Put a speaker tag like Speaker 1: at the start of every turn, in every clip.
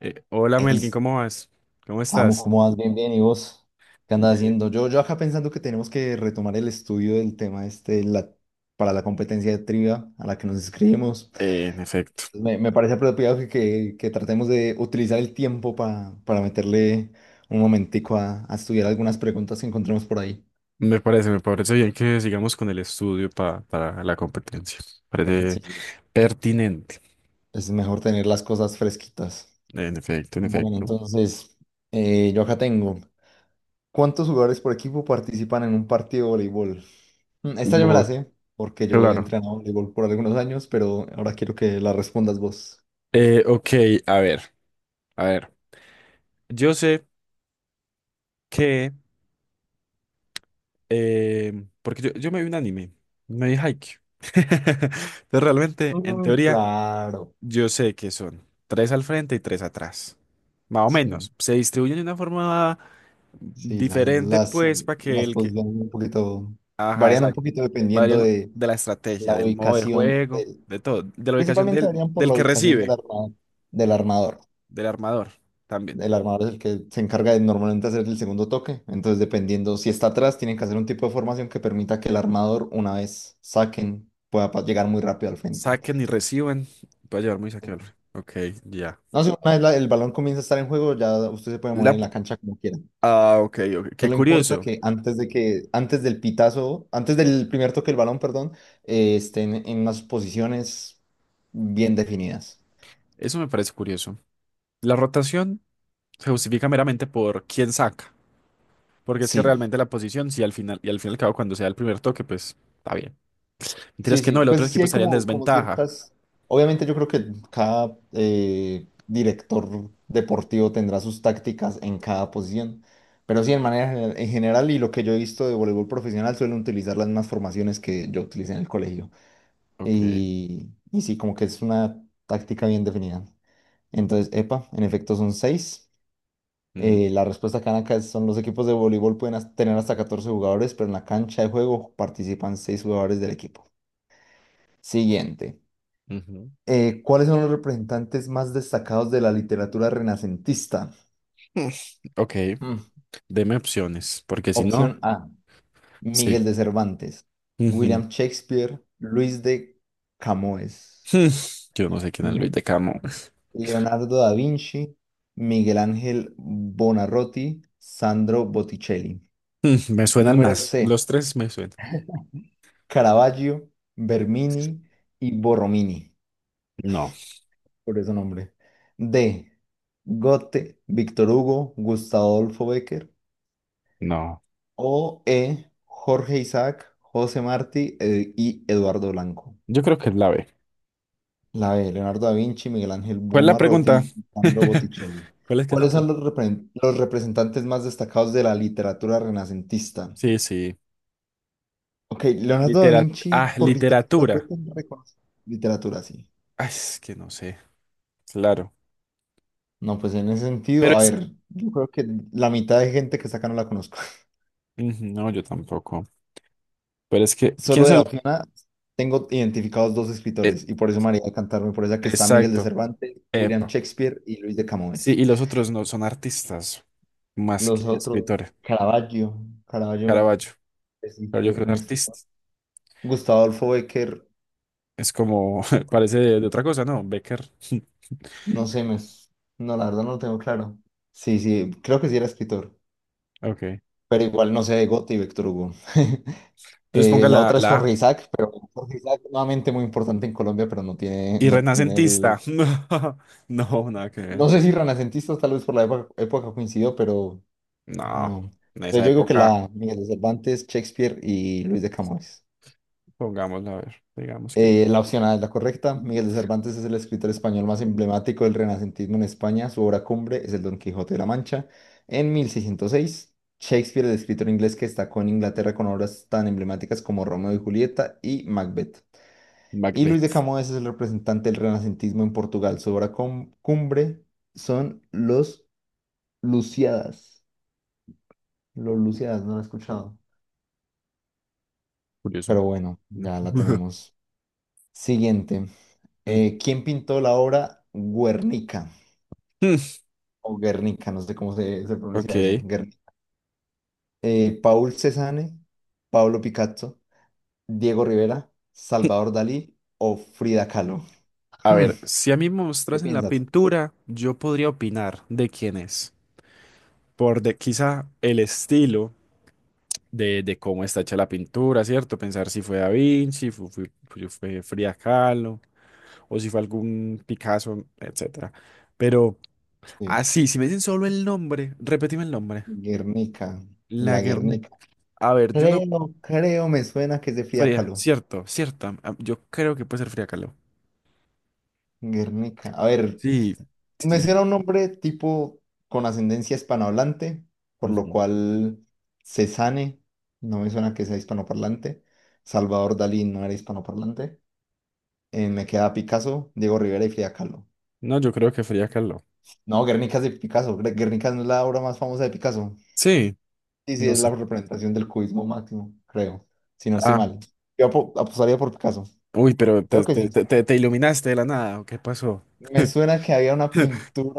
Speaker 1: Hola
Speaker 2: Hey,
Speaker 1: Melkin, ¿cómo vas? ¿Cómo
Speaker 2: Samu,
Speaker 1: estás?
Speaker 2: ¿cómo vas? Bien, bien. ¿Y vos? ¿Qué andas
Speaker 1: Bien.
Speaker 2: haciendo? Yo acá pensando que tenemos que retomar el estudio del tema este, para la competencia de trivia a la que nos inscribimos.
Speaker 1: En efecto,
Speaker 2: Entonces, Me parece apropiado que tratemos de utilizar el tiempo para meterle un momentico a estudiar algunas preguntas que encontremos por ahí.
Speaker 1: me parece bien que sigamos con el estudio para la competencia.
Speaker 2: Sí,
Speaker 1: Parece
Speaker 2: sí.
Speaker 1: pertinente.
Speaker 2: Es mejor tener las cosas fresquitas.
Speaker 1: En efecto, en
Speaker 2: Bueno,
Speaker 1: efecto.
Speaker 2: entonces, yo acá tengo. ¿Cuántos jugadores por equipo participan en un partido de voleibol? Esta yo me la
Speaker 1: Bu-
Speaker 2: sé, porque yo he
Speaker 1: claro.
Speaker 2: entrenado voleibol por algunos años, pero ahora quiero que la respondas vos.
Speaker 1: Ok, a ver, a ver. Yo sé que, eh, porque yo me vi un anime, me vi Haikyuu. Entonces realmente, en
Speaker 2: Mm,
Speaker 1: teoría,
Speaker 2: claro.
Speaker 1: yo sé que son tres al frente y tres atrás. Más o
Speaker 2: Sí,
Speaker 1: menos. Se distribuyen de una forma
Speaker 2: sí, la-
Speaker 1: diferente,
Speaker 2: las,
Speaker 1: pues, para que
Speaker 2: las
Speaker 1: el que.
Speaker 2: posiciones un poquito,
Speaker 1: Ajá,
Speaker 2: varían un
Speaker 1: exacto.
Speaker 2: poquito dependiendo
Speaker 1: Varían
Speaker 2: de
Speaker 1: de la estrategia,
Speaker 2: la
Speaker 1: del modo de
Speaker 2: ubicación
Speaker 1: juego, de todo. De la ubicación
Speaker 2: principalmente
Speaker 1: del,
Speaker 2: varían por
Speaker 1: del
Speaker 2: la
Speaker 1: que
Speaker 2: ubicación
Speaker 1: recibe,
Speaker 2: del armador.
Speaker 1: del armador también.
Speaker 2: El armador es el que se encarga de normalmente hacer el segundo toque, entonces dependiendo si está atrás, tienen que hacer un tipo de formación que permita que el armador, una vez saquen, pueda llegar muy rápido al frente.
Speaker 1: Saquen y reciban. Puede llevar muy saque al frente. Ok, ya.
Speaker 2: No, si una vez el balón comienza a estar en juego, ya usted se puede mover
Speaker 1: La,
Speaker 2: en
Speaker 1: p-
Speaker 2: la cancha como quiera.
Speaker 1: ok, ok. Qué
Speaker 2: Solo importa
Speaker 1: curioso.
Speaker 2: que antes del pitazo, antes del primer toque del balón, perdón, estén en unas posiciones bien definidas.
Speaker 1: Eso me parece curioso. La rotación se justifica meramente por quién saca. Porque es que
Speaker 2: Sí,
Speaker 1: realmente la posición, si al final, y al fin y al cabo, cuando sea el primer toque, pues está bien. Mentiras
Speaker 2: sí,
Speaker 1: que
Speaker 2: sí.
Speaker 1: no, el otro
Speaker 2: Pues sí
Speaker 1: equipo
Speaker 2: hay
Speaker 1: estaría en
Speaker 2: como
Speaker 1: desventaja.
Speaker 2: ciertas. Obviamente yo creo que cada director deportivo tendrá sus tácticas en cada posición. Pero sí, en general, y lo que yo he visto de voleibol profesional suelen utilizar las mismas formaciones que yo utilicé en el colegio.
Speaker 1: Ok.
Speaker 2: Y sí, como que es una táctica bien definida. Entonces, epa, en efecto son seis.
Speaker 1: Ujú,
Speaker 2: La respuesta que dan acá son los equipos de voleibol pueden tener hasta 14 jugadores, pero en la cancha de juego participan seis jugadores del equipo. Siguiente.
Speaker 1: ujú.
Speaker 2: ¿Cuáles son los representantes más destacados de la literatura renacentista?
Speaker 1: Mm, Ok,
Speaker 2: Mm,
Speaker 1: deme opciones, porque si no,
Speaker 2: Opción A,
Speaker 1: sí.
Speaker 2: Miguel de Cervantes,
Speaker 1: Ujú.
Speaker 2: William Shakespeare, Luis de Camoes.
Speaker 1: Mm, Yo no sé quién es
Speaker 2: B,
Speaker 1: Luis de Camo.
Speaker 2: Leonardo da Vinci, Miguel Ángel Buonarroti, Sandro Botticelli.
Speaker 1: Me suenan
Speaker 2: Número
Speaker 1: más.
Speaker 2: C,
Speaker 1: Los tres me suenan.
Speaker 2: Caravaggio, Bernini y Borromini,
Speaker 1: No,
Speaker 2: por ese nombre. D, Goethe, Víctor Hugo, Gustavo Adolfo Bécquer.
Speaker 1: no.
Speaker 2: O E, Jorge Isaac, José Martí y Eduardo Blanco.
Speaker 1: Yo creo que es la B.
Speaker 2: La B, Leonardo da Vinci, Miguel Ángel
Speaker 1: ¿Cuál es la pregunta?
Speaker 2: Buonarroti y Sandro Botticelli.
Speaker 1: ¿Cuál es que es la
Speaker 2: ¿Cuáles son
Speaker 1: pregunta?
Speaker 2: los los representantes más destacados de la literatura renacentista?
Speaker 1: Sí, sí.
Speaker 2: Ok, Leonardo da Vinci por literatura fue
Speaker 1: Literatura.
Speaker 2: tan reconocido. Literatura, sí.
Speaker 1: Ay, es que no sé. Claro.
Speaker 2: No, pues en ese
Speaker 1: Pero
Speaker 2: sentido, a
Speaker 1: es
Speaker 2: ver, yo creo que la mitad de gente que está acá no la conozco.
Speaker 1: ujú. No, yo tampoco. Pero es que, ¿quién
Speaker 2: Solo de la
Speaker 1: son?
Speaker 2: opción A tengo identificados dos
Speaker 1: Eh,
Speaker 2: escritores y por eso María de Cantarme, por esa que está Miguel de
Speaker 1: exacto.
Speaker 2: Cervantes, William
Speaker 1: Epa.
Speaker 2: Shakespeare y Luis de
Speaker 1: Sí,
Speaker 2: Camões.
Speaker 1: y los otros no son artistas más que
Speaker 2: Los otros,
Speaker 1: escritores.
Speaker 2: Caravaggio, Caravaggio
Speaker 1: Caravaggio.
Speaker 2: es un
Speaker 1: Pero yo
Speaker 2: eh,
Speaker 1: creo que
Speaker 2: un
Speaker 1: es artista.
Speaker 2: escritor. Gustavo Adolfo Becker,
Speaker 1: Es como, parece de otra cosa, ¿no? Becker.
Speaker 2: no sé, no, la verdad no lo tengo claro. Sí, sí, creo que sí era escritor.
Speaker 1: Ok.
Speaker 2: Pero igual no sé de Goethe y Víctor Hugo.
Speaker 1: Entonces ponga
Speaker 2: La
Speaker 1: la,
Speaker 2: otra es
Speaker 1: la A.
Speaker 2: Jorge Isaac, pero Jorge Isaac nuevamente muy importante en Colombia, pero no tiene,
Speaker 1: Y
Speaker 2: no tiene el.
Speaker 1: renacentista. No, no, nada que ver.
Speaker 2: No sé si renacentistas tal vez por la época coincidió, pero
Speaker 1: No,
Speaker 2: no.
Speaker 1: en
Speaker 2: Entonces
Speaker 1: esa
Speaker 2: yo digo que
Speaker 1: época,
Speaker 2: la Miguel de Cervantes, Shakespeare y Luis de Camões.
Speaker 1: pongámosla a ver. Digamos que
Speaker 2: La opción A es la correcta. Miguel de Cervantes es el escritor español más emblemático del renacentismo en España. Su obra cumbre es el Don Quijote de la Mancha. En 1606, Shakespeare, el escritor inglés que destacó en Inglaterra con obras tan emblemáticas como Romeo y Julieta y Macbeth. Y Luis de
Speaker 1: Macbeth.
Speaker 2: Camoes es el representante del renacentismo en Portugal. Su obra cumbre son los Luciadas. Los Luciadas, no lo he escuchado.
Speaker 1: Curioso.
Speaker 2: Pero bueno, ya la tenemos. Siguiente.
Speaker 1: Mm.
Speaker 2: ¿Quién pintó la obra Guernica? O Guernica, no sé cómo se pronuncia eso,
Speaker 1: Ok.
Speaker 2: Guernica. Paul Cézanne, Pablo Picasso, Diego Rivera, Salvador Dalí o Frida Kahlo.
Speaker 1: A
Speaker 2: Hmm,
Speaker 1: ver, si a mí me
Speaker 2: ¿Qué
Speaker 1: mostrasen la
Speaker 2: piensas?
Speaker 1: pintura, yo podría opinar de quién es. Quizá el estilo de cómo está hecha la pintura, ¿cierto? Pensar si fue Da Vinci, fue, Frida Kahlo, o si fue algún Picasso, etcétera. Pero
Speaker 2: Sí.
Speaker 1: así, si me dicen solo el nombre, repetime el nombre.
Speaker 2: Guernica, la
Speaker 1: Laguerre.
Speaker 2: Guernica.
Speaker 1: A ver, yo no.
Speaker 2: Me suena que es de Frida
Speaker 1: Frida,
Speaker 2: Kahlo.
Speaker 1: cierto, cierto. Yo creo que puede ser Frida Kahlo.
Speaker 2: Guernica. A ver,
Speaker 1: Sí. Sí,
Speaker 2: me suena un nombre tipo con ascendencia hispanohablante, por lo
Speaker 1: ujú.
Speaker 2: cual Cézanne, no me suena que sea hispanoparlante. Salvador Dalí no era hispanoparlante. Me queda Picasso, Diego Rivera y Frida Kahlo.
Speaker 1: No, yo creo que Frida Kahlo.
Speaker 2: No, Guernica es de Picasso. Guernica no es la obra más famosa de Picasso.
Speaker 1: Sí,
Speaker 2: Sí, sí,
Speaker 1: no
Speaker 2: es
Speaker 1: sé.
Speaker 2: la representación del cubismo máximo, creo. Si no estoy
Speaker 1: Ah.
Speaker 2: mal. Yo apostaría por Picasso.
Speaker 1: Uy, pero te-
Speaker 2: Creo que
Speaker 1: te-
Speaker 2: sí.
Speaker 1: te- te- te iluminaste de la nada, ¿o qué pasó?
Speaker 2: Me suena que había una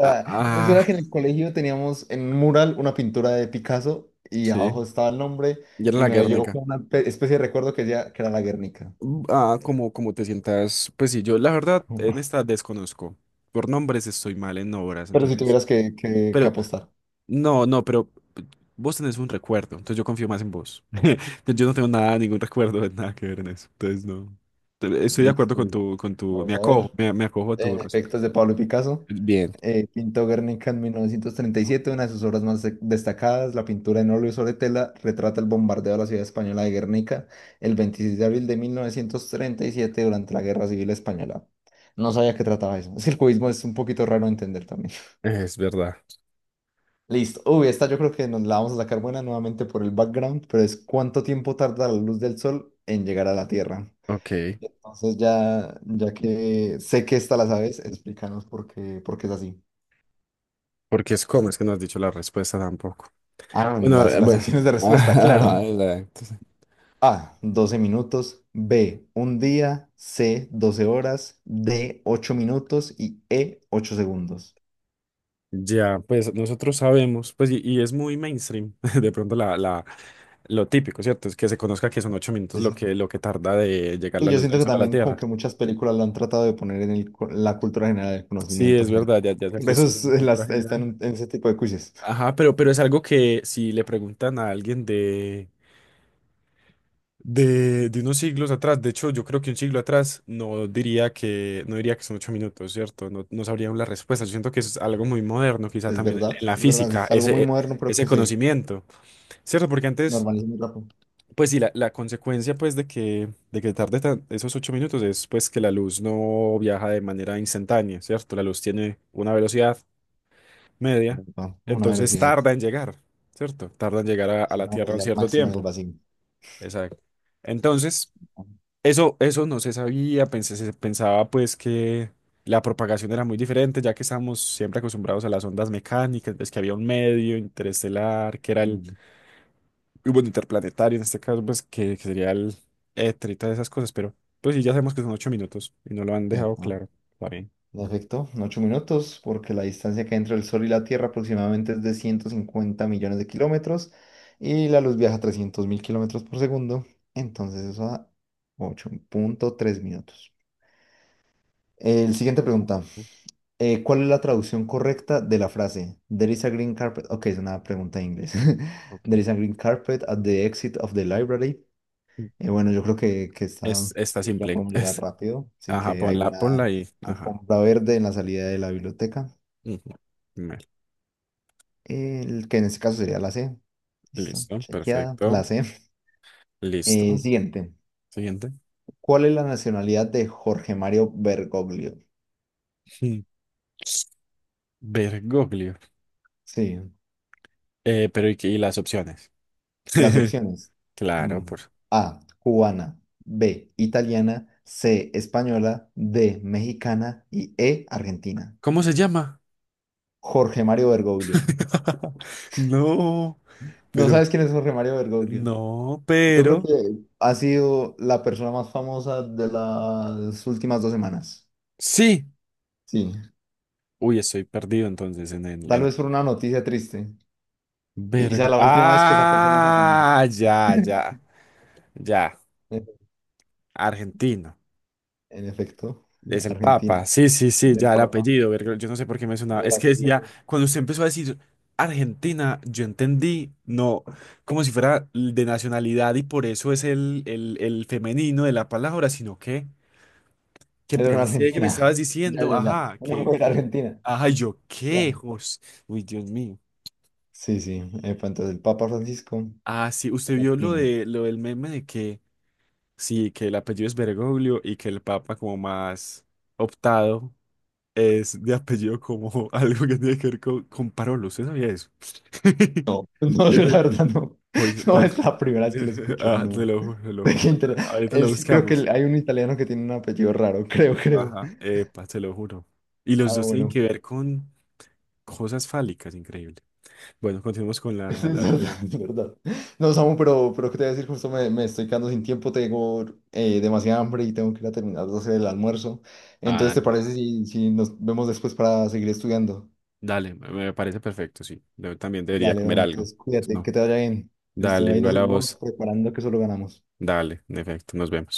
Speaker 1: Ah,
Speaker 2: Me
Speaker 1: ah,
Speaker 2: suena que en el colegio teníamos en un mural una pintura de Picasso y
Speaker 1: sí,
Speaker 2: abajo estaba el nombre
Speaker 1: ya era
Speaker 2: y
Speaker 1: la
Speaker 2: me llegó
Speaker 1: Guernica.
Speaker 2: como una especie de recuerdo que decía que era la Guernica.
Speaker 1: Ah, como te sientas, pues sí, yo la verdad en esta desconozco. Por nombres estoy mal en obras,
Speaker 2: Pero si
Speaker 1: entonces.
Speaker 2: tuvieras que
Speaker 1: Pero,
Speaker 2: apostar.
Speaker 1: no, no, pero vos tenés un recuerdo, entonces yo confío más en vos. Yo no tengo nada, ningún recuerdo de nada que ver en eso, entonces no. Estoy de acuerdo
Speaker 2: Listo,
Speaker 1: con
Speaker 2: listo.
Speaker 1: tu, con tu,
Speaker 2: Vamos
Speaker 1: me
Speaker 2: a
Speaker 1: acojo,
Speaker 2: ver.
Speaker 1: me, me acojo a tu
Speaker 2: En
Speaker 1: respuesta.
Speaker 2: efecto, es de Pablo Picasso.
Speaker 1: Bien,
Speaker 2: Pintó Guernica en 1937, una de sus obras más destacadas, la pintura en óleo sobre tela, retrata el bombardeo de la ciudad española de Guernica el 26 de abril de 1937 durante la Guerra Civil Española. No sabía que trataba eso. Es que el cubismo es un poquito raro de entender también.
Speaker 1: es verdad.
Speaker 2: Listo. Uy, esta yo creo que nos la vamos a sacar buena nuevamente por el background, pero es cuánto tiempo tarda la luz del sol en llegar a la Tierra.
Speaker 1: Ok,
Speaker 2: Entonces ya, ya que sé que esta la sabes, explícanos por qué es así.
Speaker 1: porque es como, es que no has dicho la respuesta tampoco.
Speaker 2: Ah, bueno,
Speaker 1: Bueno,
Speaker 2: las,
Speaker 1: ahora,
Speaker 2: las
Speaker 1: bueno,
Speaker 2: opciones de respuesta,
Speaker 1: ajá,
Speaker 2: claro.
Speaker 1: exacto.
Speaker 2: A, 12 minutos. B, un día. C, 12 horas. D, 8 minutos. Y E, 8 segundos.
Speaker 1: Ya, pues nosotros sabemos, pues, y es muy mainstream, de pronto lo típico, ¿cierto? Es que se conozca que son 8 minutos
Speaker 2: Sí,
Speaker 1: lo
Speaker 2: sí.
Speaker 1: que, lo que tarda de llegar
Speaker 2: Y
Speaker 1: la
Speaker 2: yo
Speaker 1: luz
Speaker 2: siento
Speaker 1: del
Speaker 2: que
Speaker 1: sol a la
Speaker 2: también como
Speaker 1: Tierra.
Speaker 2: que muchas películas lo han tratado de poner en el la cultura general, el
Speaker 1: Sí,
Speaker 2: conocimiento
Speaker 1: es
Speaker 2: general.
Speaker 1: verdad, ya, ya se ha
Speaker 2: Por eso
Speaker 1: puesto como cultura general.
Speaker 2: están en ese tipo de quizzes.
Speaker 1: Ajá, pero es algo que si le preguntan a alguien de unos siglos atrás. De hecho, yo creo que un siglo atrás no diría que son 8 minutos, ¿cierto? No, no sabrían la respuesta. Yo siento que eso es algo muy moderno, quizá
Speaker 2: Es
Speaker 1: también en
Speaker 2: verdad,
Speaker 1: en la
Speaker 2: es verdad.
Speaker 1: física,
Speaker 2: Es algo muy
Speaker 1: ese,
Speaker 2: moderno, pero
Speaker 1: ese
Speaker 2: que se
Speaker 1: conocimiento, ¿cierto? Porque antes,
Speaker 2: normaliza muy rápido.
Speaker 1: pues sí, la consecuencia pues de que tarde esos 8 minutos es pues que la luz no viaja de manera instantánea, ¿cierto? La luz tiene una velocidad media,
Speaker 2: Epa, Una
Speaker 1: entonces
Speaker 2: velocidad,
Speaker 1: tarda en llegar, ¿cierto? Tarda en llegar a la
Speaker 2: una
Speaker 1: Tierra un
Speaker 2: velocidad
Speaker 1: cierto
Speaker 2: máxima en el
Speaker 1: tiempo.
Speaker 2: vacío.
Speaker 1: Exacto. Entonces, eso no se sabía, se pensaba pues que la propagación era muy diferente, ya que estamos siempre acostumbrados a las ondas mecánicas, pues que había un medio interestelar, que era el,
Speaker 2: Mm,
Speaker 1: y bueno, interplanetario en este caso, pues que sería el éter y todas esas cosas, pero pues sí, ya sabemos que son 8 minutos y no lo han dejado
Speaker 2: Epa.
Speaker 1: claro. Está bien.
Speaker 2: En efecto, 8 minutos, porque la distancia que hay entre el Sol y la Tierra aproximadamente es de 150 millones de kilómetros y la luz viaja a 300 mil kilómetros por segundo, entonces eso da 8,3 minutos. El siguiente pregunta,
Speaker 1: Mm,
Speaker 2: ¿cuál es la traducción correcta de la frase There is a green carpet? Ok, es una pregunta en inglés. There
Speaker 1: Ok.
Speaker 2: is a green carpet at the exit of the library.
Speaker 1: Mm.
Speaker 2: Bueno, yo creo que está,
Speaker 1: Está
Speaker 2: sí, la
Speaker 1: simple.
Speaker 2: podemos llegar rápido, sí
Speaker 1: Ajá,
Speaker 2: que hay
Speaker 1: ponla,
Speaker 2: una
Speaker 1: ponla y, ajá.
Speaker 2: alfombra verde en la salida de la biblioteca.
Speaker 1: Ujú. Mel,
Speaker 2: El que en este caso sería la C. Listo,
Speaker 1: listo,
Speaker 2: chequeada,
Speaker 1: perfecto,
Speaker 2: la C.
Speaker 1: listo.
Speaker 2: Siguiente.
Speaker 1: Siguiente.
Speaker 2: ¿Cuál es la nacionalidad de Jorge Mario Bergoglio?
Speaker 1: Mm. Bergoglio.
Speaker 2: Sí,
Speaker 1: Pero ¿y, y las opciones?
Speaker 2: las opciones.
Speaker 1: Claro,
Speaker 2: Mm,
Speaker 1: por...
Speaker 2: A, cubana, B, italiana, C, española, D, mexicana y E, argentina.
Speaker 1: ¿Cómo se llama?
Speaker 2: Jorge Mario Bergoglio.
Speaker 1: No,
Speaker 2: ¿No
Speaker 1: pero...
Speaker 2: sabes quién es Jorge Mario Bergoglio?
Speaker 1: No,
Speaker 2: Yo creo que
Speaker 1: pero...
Speaker 2: ha sido la persona más famosa de las últimas 2 semanas.
Speaker 1: Sí.
Speaker 2: Sí,
Speaker 1: Uy, estoy perdido entonces en el...
Speaker 2: tal
Speaker 1: En
Speaker 2: vez
Speaker 1: el...
Speaker 2: por una noticia triste. Y sea la última vez que esa persona sea famosa.
Speaker 1: Ya, ya, ya. Argentino.
Speaker 2: En efecto,
Speaker 1: Es el
Speaker 2: Argentina.
Speaker 1: Papa, sí, sí, sí,
Speaker 2: El
Speaker 1: ya el
Speaker 2: Papa.
Speaker 1: apellido, verga, yo no sé por qué me sonaba.
Speaker 2: El
Speaker 1: Es que decía,
Speaker 2: apellido.
Speaker 1: cuando usted empezó a decir Argentina, yo entendí, no, como si fuera de nacionalidad y por eso es el femenino de la palabra, sino que
Speaker 2: Era una
Speaker 1: pensé que me
Speaker 2: argentina.
Speaker 1: estabas
Speaker 2: Ya,
Speaker 1: diciendo,
Speaker 2: ya, ya.
Speaker 1: ajá,
Speaker 2: Una mujer argentina.
Speaker 1: ajá, y yo,
Speaker 2: Ya.
Speaker 1: ¿qué? Jos- Uy, Dios mío.
Speaker 2: Sí, sí. Epa, entonces el Papa Francisco.
Speaker 1: Ah, sí, usted vio
Speaker 2: Argentina.
Speaker 1: lo del meme de que, sí, que el apellido es Bergoglio y que el Papa como más optado es de apellido como algo que tiene que ver con Parolo. ¿Usted sabía eso?
Speaker 2: No, no, yo la
Speaker 1: Este,
Speaker 2: verdad no.
Speaker 1: uy,
Speaker 2: No es
Speaker 1: parce,
Speaker 2: la primera vez que lo escucho.
Speaker 1: te
Speaker 2: No.
Speaker 1: lo juro, te lo
Speaker 2: De
Speaker 1: juro.
Speaker 2: qué inter-
Speaker 1: Ahorita lo
Speaker 2: Él sí creo que
Speaker 1: buscamos.
Speaker 2: hay un italiano que tiene un apellido raro. Creo.
Speaker 1: Ajá. Epa, te lo juro. Y los
Speaker 2: Ah,
Speaker 1: dos tienen que
Speaker 2: bueno.
Speaker 1: ver con cosas fálicas, increíble. Bueno, continuemos con
Speaker 2: Es
Speaker 1: la
Speaker 2: verdad,
Speaker 1: pregunta.
Speaker 2: es verdad. No, Samu, pero ¿qué te voy a decir? Justo me estoy quedando sin tiempo, tengo demasiada hambre y tengo que ir a terminar de hacer el almuerzo. Entonces,
Speaker 1: Ah,
Speaker 2: ¿te
Speaker 1: dale.
Speaker 2: parece si nos vemos después para seguir estudiando?
Speaker 1: Dale, me parece perfecto, sí. Yo también debería
Speaker 2: Dale,
Speaker 1: comer
Speaker 2: hombre,
Speaker 1: algo.
Speaker 2: entonces
Speaker 1: Pues
Speaker 2: cuídate,
Speaker 1: no.
Speaker 2: que te vaya bien. Listo,
Speaker 1: Dale,
Speaker 2: ahí nos
Speaker 1: igual a
Speaker 2: seguimos
Speaker 1: vos.
Speaker 2: preparando que solo ganamos.
Speaker 1: Dale, en efecto, nos vemos.